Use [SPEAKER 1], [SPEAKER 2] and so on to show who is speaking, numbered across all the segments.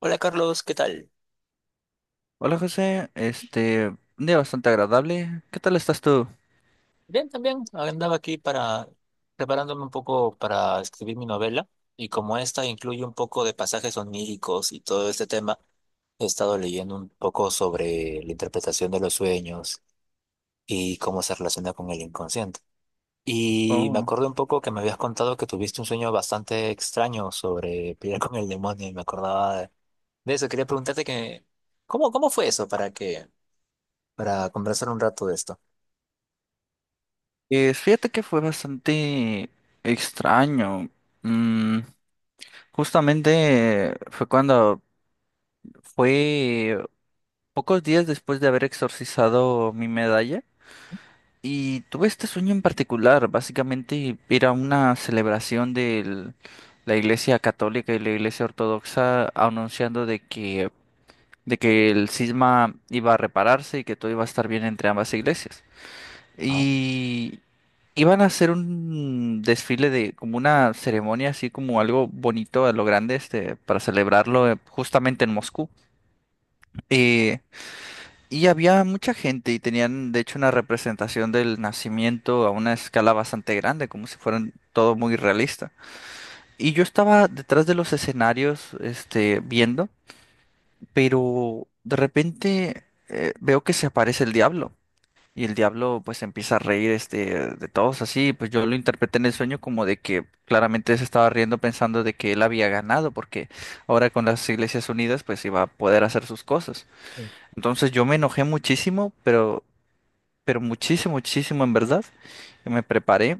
[SPEAKER 1] Hola Carlos, ¿qué tal?
[SPEAKER 2] Hola José, un día bastante agradable. ¿Qué tal estás tú?
[SPEAKER 1] Bien, también andaba aquí para preparándome un poco para escribir mi novela y como esta incluye un poco de pasajes oníricos y todo este tema, he estado leyendo un poco sobre la interpretación de los sueños y cómo se relaciona con el inconsciente. Y me acuerdo un poco que me habías contado que tuviste un sueño bastante extraño sobre pelear con el demonio y me acordaba de eso. Quería preguntarte que, ¿cómo fue eso para para conversar un rato de esto?
[SPEAKER 2] Fíjate que fue bastante extraño. Mm, Justamente fue cuando fue pocos días después de haber exorcizado mi medalla y tuve este sueño en particular. Básicamente era una celebración de la Iglesia Católica y la Iglesia Ortodoxa anunciando de que el cisma iba a repararse y que todo iba a estar bien entre ambas iglesias.
[SPEAKER 1] Ah,
[SPEAKER 2] Y iban a hacer un desfile de como una ceremonia, así como algo bonito a lo grande, para celebrarlo justamente en Moscú. Eh, y había mucha gente y tenían, de hecho, una representación del nacimiento a una escala bastante grande, como si fueran todo muy realista. Y yo estaba detrás de los escenarios, viendo, pero de repente veo que se aparece el diablo. Y el diablo pues empieza a reír de todos así, pues yo lo interpreté en el sueño como de que claramente se estaba riendo pensando de que él había ganado porque ahora con las Iglesias Unidas pues iba a poder hacer sus cosas.
[SPEAKER 1] sí.
[SPEAKER 2] Entonces yo me enojé muchísimo, pero muchísimo, muchísimo en verdad. Y me preparé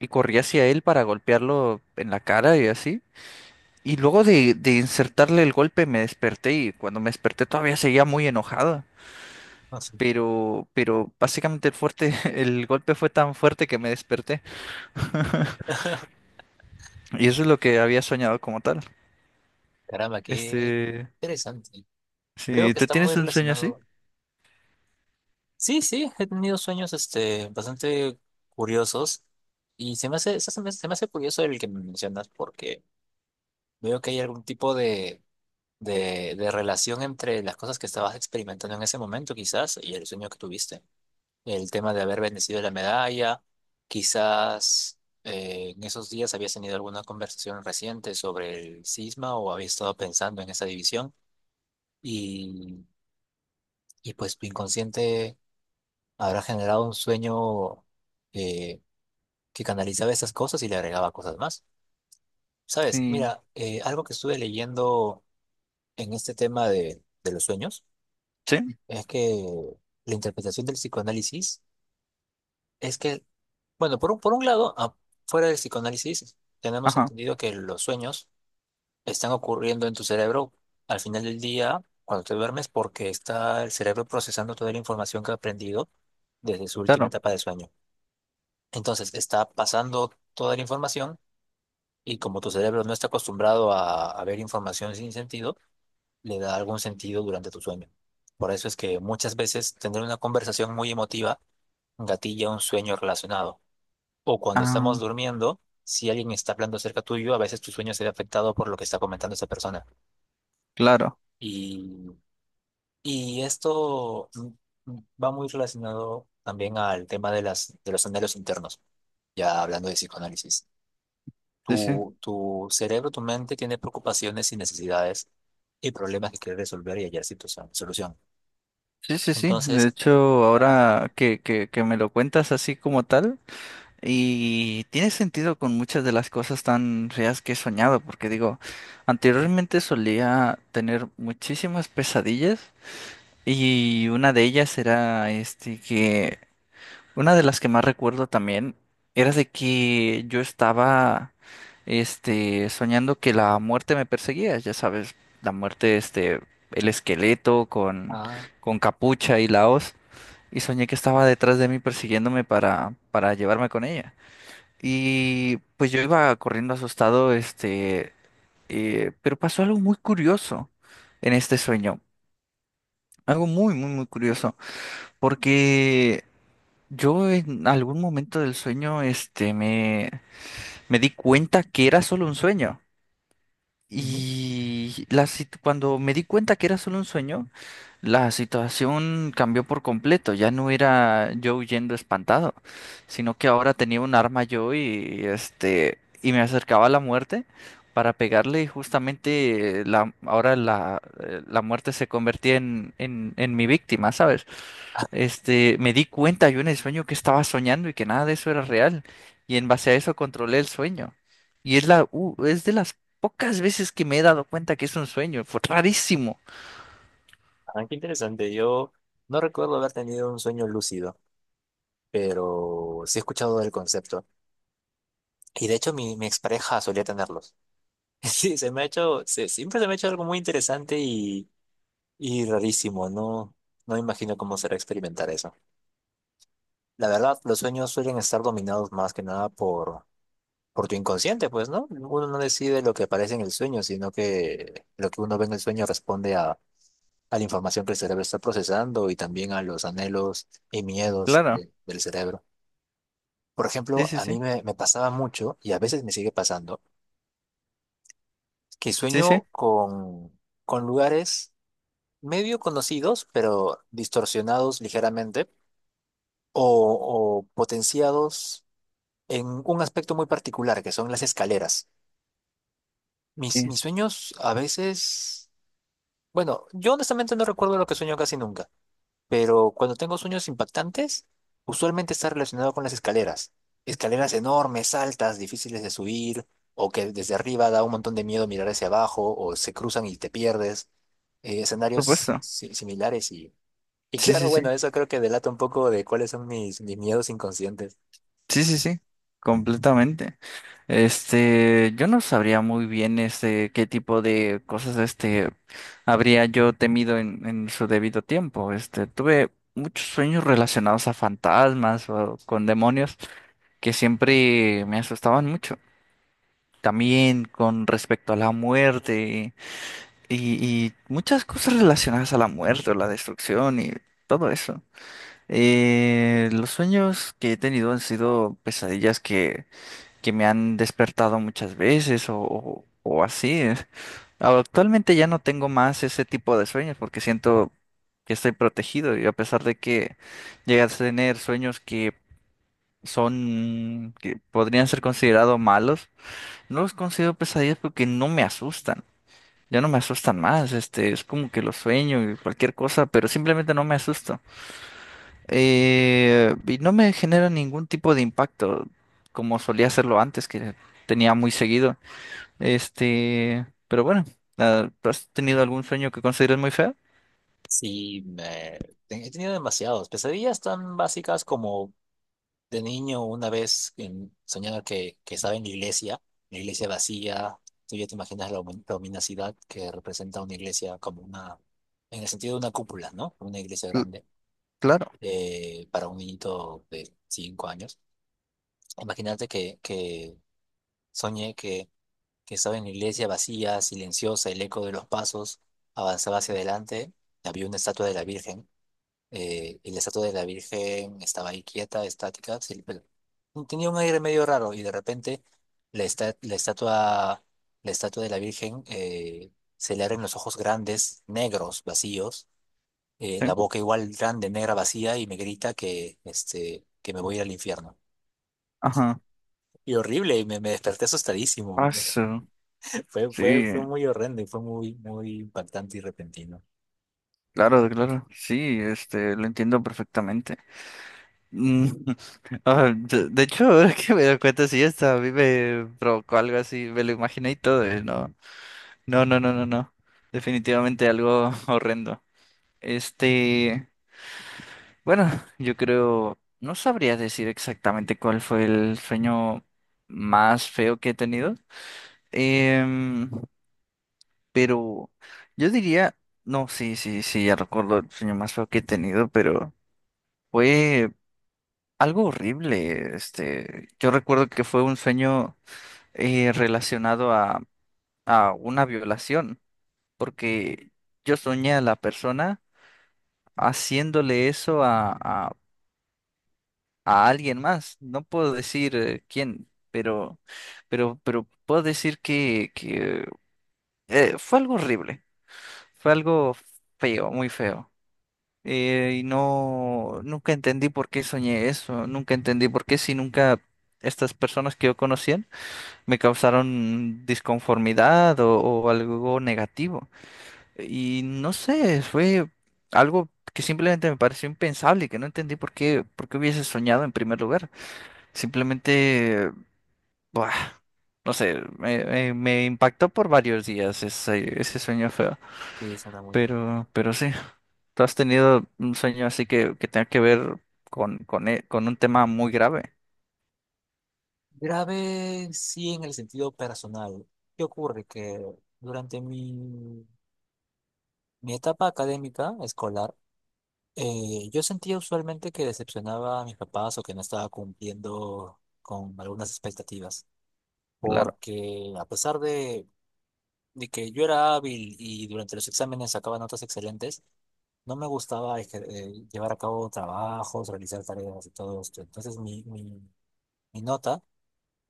[SPEAKER 2] y corrí hacia él para golpearlo en la cara y así. Y luego de insertarle el golpe me desperté y cuando me desperté todavía seguía muy enojado,
[SPEAKER 1] Ah, sí.
[SPEAKER 2] pero básicamente el fuerte, el golpe fue tan fuerte que me desperté. Y eso es lo que había soñado como tal.
[SPEAKER 1] Caramba, qué
[SPEAKER 2] Este,
[SPEAKER 1] interesante. Veo
[SPEAKER 2] sí,
[SPEAKER 1] que
[SPEAKER 2] ¿te
[SPEAKER 1] está muy
[SPEAKER 2] tienes un sueño así?
[SPEAKER 1] relacionado. Sí, sí, he tenido sueños este, bastante curiosos y se me hace, se me hace curioso el que me mencionas porque veo que hay algún tipo de relación entre las cosas que estabas experimentando en ese momento quizás y el sueño que tuviste. El tema de haber bendecido la medalla, quizás en esos días habías tenido alguna conversación reciente sobre el cisma o habías estado pensando en esa división. Y y pues tu inconsciente habrá generado un sueño eh, que canalizaba esas cosas y le agregaba cosas más. Sabes,
[SPEAKER 2] Sí.
[SPEAKER 1] mira, algo que estuve leyendo en este tema de los sueños
[SPEAKER 2] Sí,
[SPEAKER 1] es que la interpretación del psicoanálisis es que, bueno, por un lado, fuera del psicoanálisis, tenemos
[SPEAKER 2] ajá,
[SPEAKER 1] entendido que los sueños están ocurriendo en tu cerebro al final del día, cuando te duermes, porque está el cerebro procesando toda la información que ha aprendido desde su última
[SPEAKER 2] claro.
[SPEAKER 1] etapa de sueño. Entonces está pasando toda la información y como tu cerebro no está acostumbrado a ver información sin sentido, le da algún sentido durante tu sueño. Por eso es que muchas veces tener una conversación muy emotiva gatilla un sueño relacionado. O cuando estamos
[SPEAKER 2] Ah,
[SPEAKER 1] durmiendo, si alguien está hablando cerca tuyo, a veces tu sueño se ve afectado por lo que está comentando esa persona.
[SPEAKER 2] claro.
[SPEAKER 1] Y, y esto va muy relacionado también al tema de de los anhelos internos, ya hablando de psicoanálisis.
[SPEAKER 2] Sí, sí.
[SPEAKER 1] Tu cerebro, tu mente tiene preocupaciones y necesidades y problemas que quiere resolver y hallar situación, solución.
[SPEAKER 2] Sí, sí, sí. De
[SPEAKER 1] Entonces,
[SPEAKER 2] hecho,
[SPEAKER 1] ah,
[SPEAKER 2] ahora que me lo cuentas así como tal, y tiene sentido con muchas de las cosas tan feas que he soñado, porque digo, anteriormente solía tener muchísimas pesadillas. Y una de ellas era este que una de las que más recuerdo también era de que yo estaba soñando que la muerte me perseguía, ya sabes, la muerte el esqueleto con
[SPEAKER 1] ah,
[SPEAKER 2] capucha y la hoz, y soñé que estaba detrás de mí persiguiéndome para llevarme con ella. Y pues yo iba corriendo asustado pero pasó algo muy curioso en este sueño, algo muy muy muy curioso. Porque yo en algún momento del sueño, me di cuenta que era solo un sueño.
[SPEAKER 1] ujú.
[SPEAKER 2] Y cuando me di cuenta que era solo un sueño, la situación cambió por completo. Ya no era yo huyendo espantado, sino que ahora tenía un arma yo y y me acercaba a la muerte para pegarle y justamente la muerte se convertía en mi víctima, ¿sabes? Me di cuenta yo en el sueño que estaba soñando y que nada de eso era real. Y en base a eso controlé el sueño. Y es es de las pocas veces que me he dado cuenta que es un sueño. Fue rarísimo.
[SPEAKER 1] Ah, qué interesante. Yo no recuerdo haber tenido un sueño lúcido, pero sí he escuchado del concepto. Y de hecho, mi expareja solía tenerlos. Sí, se me ha hecho, se- siempre se me ha hecho algo muy interesante y rarísimo. No, no me imagino cómo será experimentar eso. La verdad, los sueños suelen estar dominados más que nada por tu inconsciente, pues, ¿no? Uno no decide lo que aparece en el sueño, sino que lo que uno ve en el sueño responde a la información que el cerebro está procesando y también a los anhelos y miedos
[SPEAKER 2] Claro.
[SPEAKER 1] de- del cerebro. Por
[SPEAKER 2] Sí,
[SPEAKER 1] ejemplo,
[SPEAKER 2] sí,
[SPEAKER 1] a mí
[SPEAKER 2] sí.
[SPEAKER 1] me pasaba mucho, y a veces me sigue pasando, que
[SPEAKER 2] Sí, sí.
[SPEAKER 1] sueño con lugares medio conocidos, pero distorsionados ligeramente, o, o potenciados en un aspecto muy particular, que son las escaleras.
[SPEAKER 2] Sí,
[SPEAKER 1] Mis sueños a veces Bueno, yo honestamente no recuerdo lo que sueño casi nunca, pero cuando tengo sueños impactantes, usualmente está relacionado con las escaleras. Escaleras enormes, altas, difíciles de subir, o que desde arriba da un montón de miedo mirar hacia abajo, o se cruzan y te pierdes.
[SPEAKER 2] por
[SPEAKER 1] Escenarios
[SPEAKER 2] supuesto.
[SPEAKER 1] si- similares y
[SPEAKER 2] Sí,
[SPEAKER 1] claro,
[SPEAKER 2] sí, sí.
[SPEAKER 1] bueno, eso creo que delata un poco de cuáles son mis miedos inconscientes.
[SPEAKER 2] Sí, sí, sí, completamente. Yo no sabría muy bien qué tipo de cosas habría yo temido en su debido tiempo. Tuve muchos sueños relacionados a fantasmas o con demonios que siempre me asustaban mucho. También con respecto a la muerte y muchas cosas relacionadas a la muerte o la destrucción y todo eso. Los sueños que he tenido han sido pesadillas que me han despertado muchas veces o así. Actualmente ya no tengo más ese tipo de sueños porque siento que estoy protegido y a pesar de que llegas a tener sueños que son, que podrían ser considerados malos, no los considero pesadillas porque no me asustan. Ya no me asustan más, es como que los sueño y cualquier cosa, pero simplemente no me asusto. Y no me genera ningún tipo de impacto como solía hacerlo antes, que tenía muy seguido. Pero bueno, ¿has tenido algún sueño que consideres muy feo?
[SPEAKER 1] Sí, he tenido demasiados. Pesadillas tan básicas como de niño, una vez soñaba que estaba en la iglesia vacía. Tú ya te imaginas la la luminosidad que representa una iglesia como una, en el sentido de una cúpula, ¿no? Una iglesia
[SPEAKER 2] Cl-
[SPEAKER 1] grande
[SPEAKER 2] claro,
[SPEAKER 1] para un niñito de 5 años. Imagínate que soñé que estaba en la iglesia vacía, silenciosa, el eco de los pasos avanzaba hacia adelante. Había una estatua de la Virgen y la estatua de la Virgen estaba ahí quieta, estática, sí, pero tenía un aire medio raro y de repente la, esta- la estatua, la estatua de la Virgen se le abren los ojos grandes, negros, vacíos, la
[SPEAKER 2] sí.
[SPEAKER 1] boca igual grande, negra, vacía y me grita que, este, que me voy a ir al infierno.
[SPEAKER 2] Ajá.
[SPEAKER 1] Y horrible, me desperté asustadísimo.
[SPEAKER 2] Paso. Sí,
[SPEAKER 1] Fue muy horrendo y fue muy, muy impactante y repentino.
[SPEAKER 2] claro, claro. Sí, lo entiendo perfectamente. Mm, de hecho, ahora que me doy cuenta, sí, esta a mí me provocó algo así, me lo imaginé y todo. No, no, no, no, no, no. Definitivamente algo horrendo. Este. Bueno, yo creo, no sabría decir exactamente cuál fue el sueño más feo que he tenido. Em, pero yo diría, no, sí, sí, sí, ya recuerdo el sueño más feo que he tenido, pero fue algo horrible. Yo recuerdo que fue un sueño relacionado a una violación, porque yo soñé a la persona haciéndole eso a alguien más. No puedo decir quién, pero puedo decir que fue algo horrible, fue algo feo, muy feo. Y no, nunca entendí por qué soñé eso, nunca entendí por qué si nunca estas personas que yo conocían me causaron disconformidad o algo negativo. Y no sé, fue algo que simplemente me pareció impensable y que no entendí por qué hubiese soñado en primer lugar. Simplemente, buah, no sé, me impactó por varios días ese sueño feo.
[SPEAKER 1] Sí, eso era muy impactante.
[SPEAKER 2] Pero sí, ¿tú has tenido un sueño así que tenga que ver con un tema muy grave?
[SPEAKER 1] Grave sí en el sentido personal. ¿Qué ocurre? Que durante mi etapa académica escolar, yo sentía usualmente que decepcionaba a mis papás o que no estaba cumpliendo con algunas expectativas,
[SPEAKER 2] Claro,
[SPEAKER 1] porque a pesar de que yo era hábil y durante los exámenes sacaba notas excelentes, no me gustaba llevar a cabo trabajos, realizar tareas y todo esto. Entonces mi nota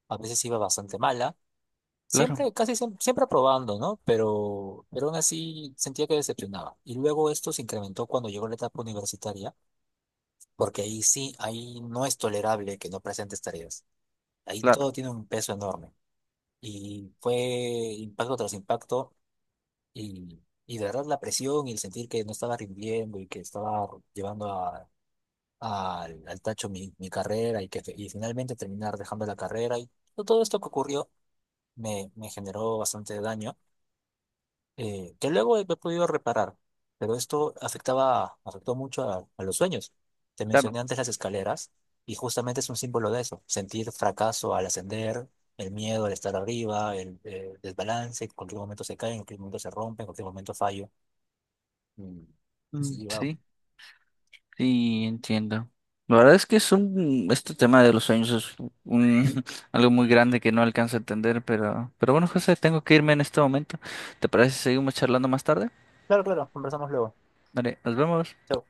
[SPEAKER 1] a veces iba bastante mala.
[SPEAKER 2] claro,
[SPEAKER 1] Siempre, casi siempre, probando, ¿no? Pero aún así sentía que decepcionaba. Y luego esto se incrementó cuando llegó la etapa universitaria, porque ahí sí, ahí no es tolerable que no presentes tareas. Ahí
[SPEAKER 2] claro,
[SPEAKER 1] todo tiene un peso enorme. Y fue impacto tras impacto y, y de verdad la presión y el sentir que no estaba rindiendo y que estaba llevando a- al, al tacho mi carrera y que y finalmente terminar dejando la carrera y todo esto que ocurrió me generó bastante daño. Que luego he podido reparar, pero esto afectó mucho a los sueños. Te mencioné
[SPEAKER 2] claro.
[SPEAKER 1] antes las escaleras y justamente es un símbolo de eso, sentir fracaso al ascender, el miedo al estar arriba, el desbalance, en cualquier momento se cae, en cualquier momento se rompe, en cualquier momento fallo. Mm, Sí, wow.
[SPEAKER 2] Sí, sí, entiendo. La verdad es que es este tema de los sueños es un, algo muy grande que no alcanzo a entender, pero bueno, José, tengo que irme en este momento. ¿Te parece si seguimos charlando más tarde?
[SPEAKER 1] Claro, claro, conversamos luego.
[SPEAKER 2] Vale, nos vemos.
[SPEAKER 1] Chao.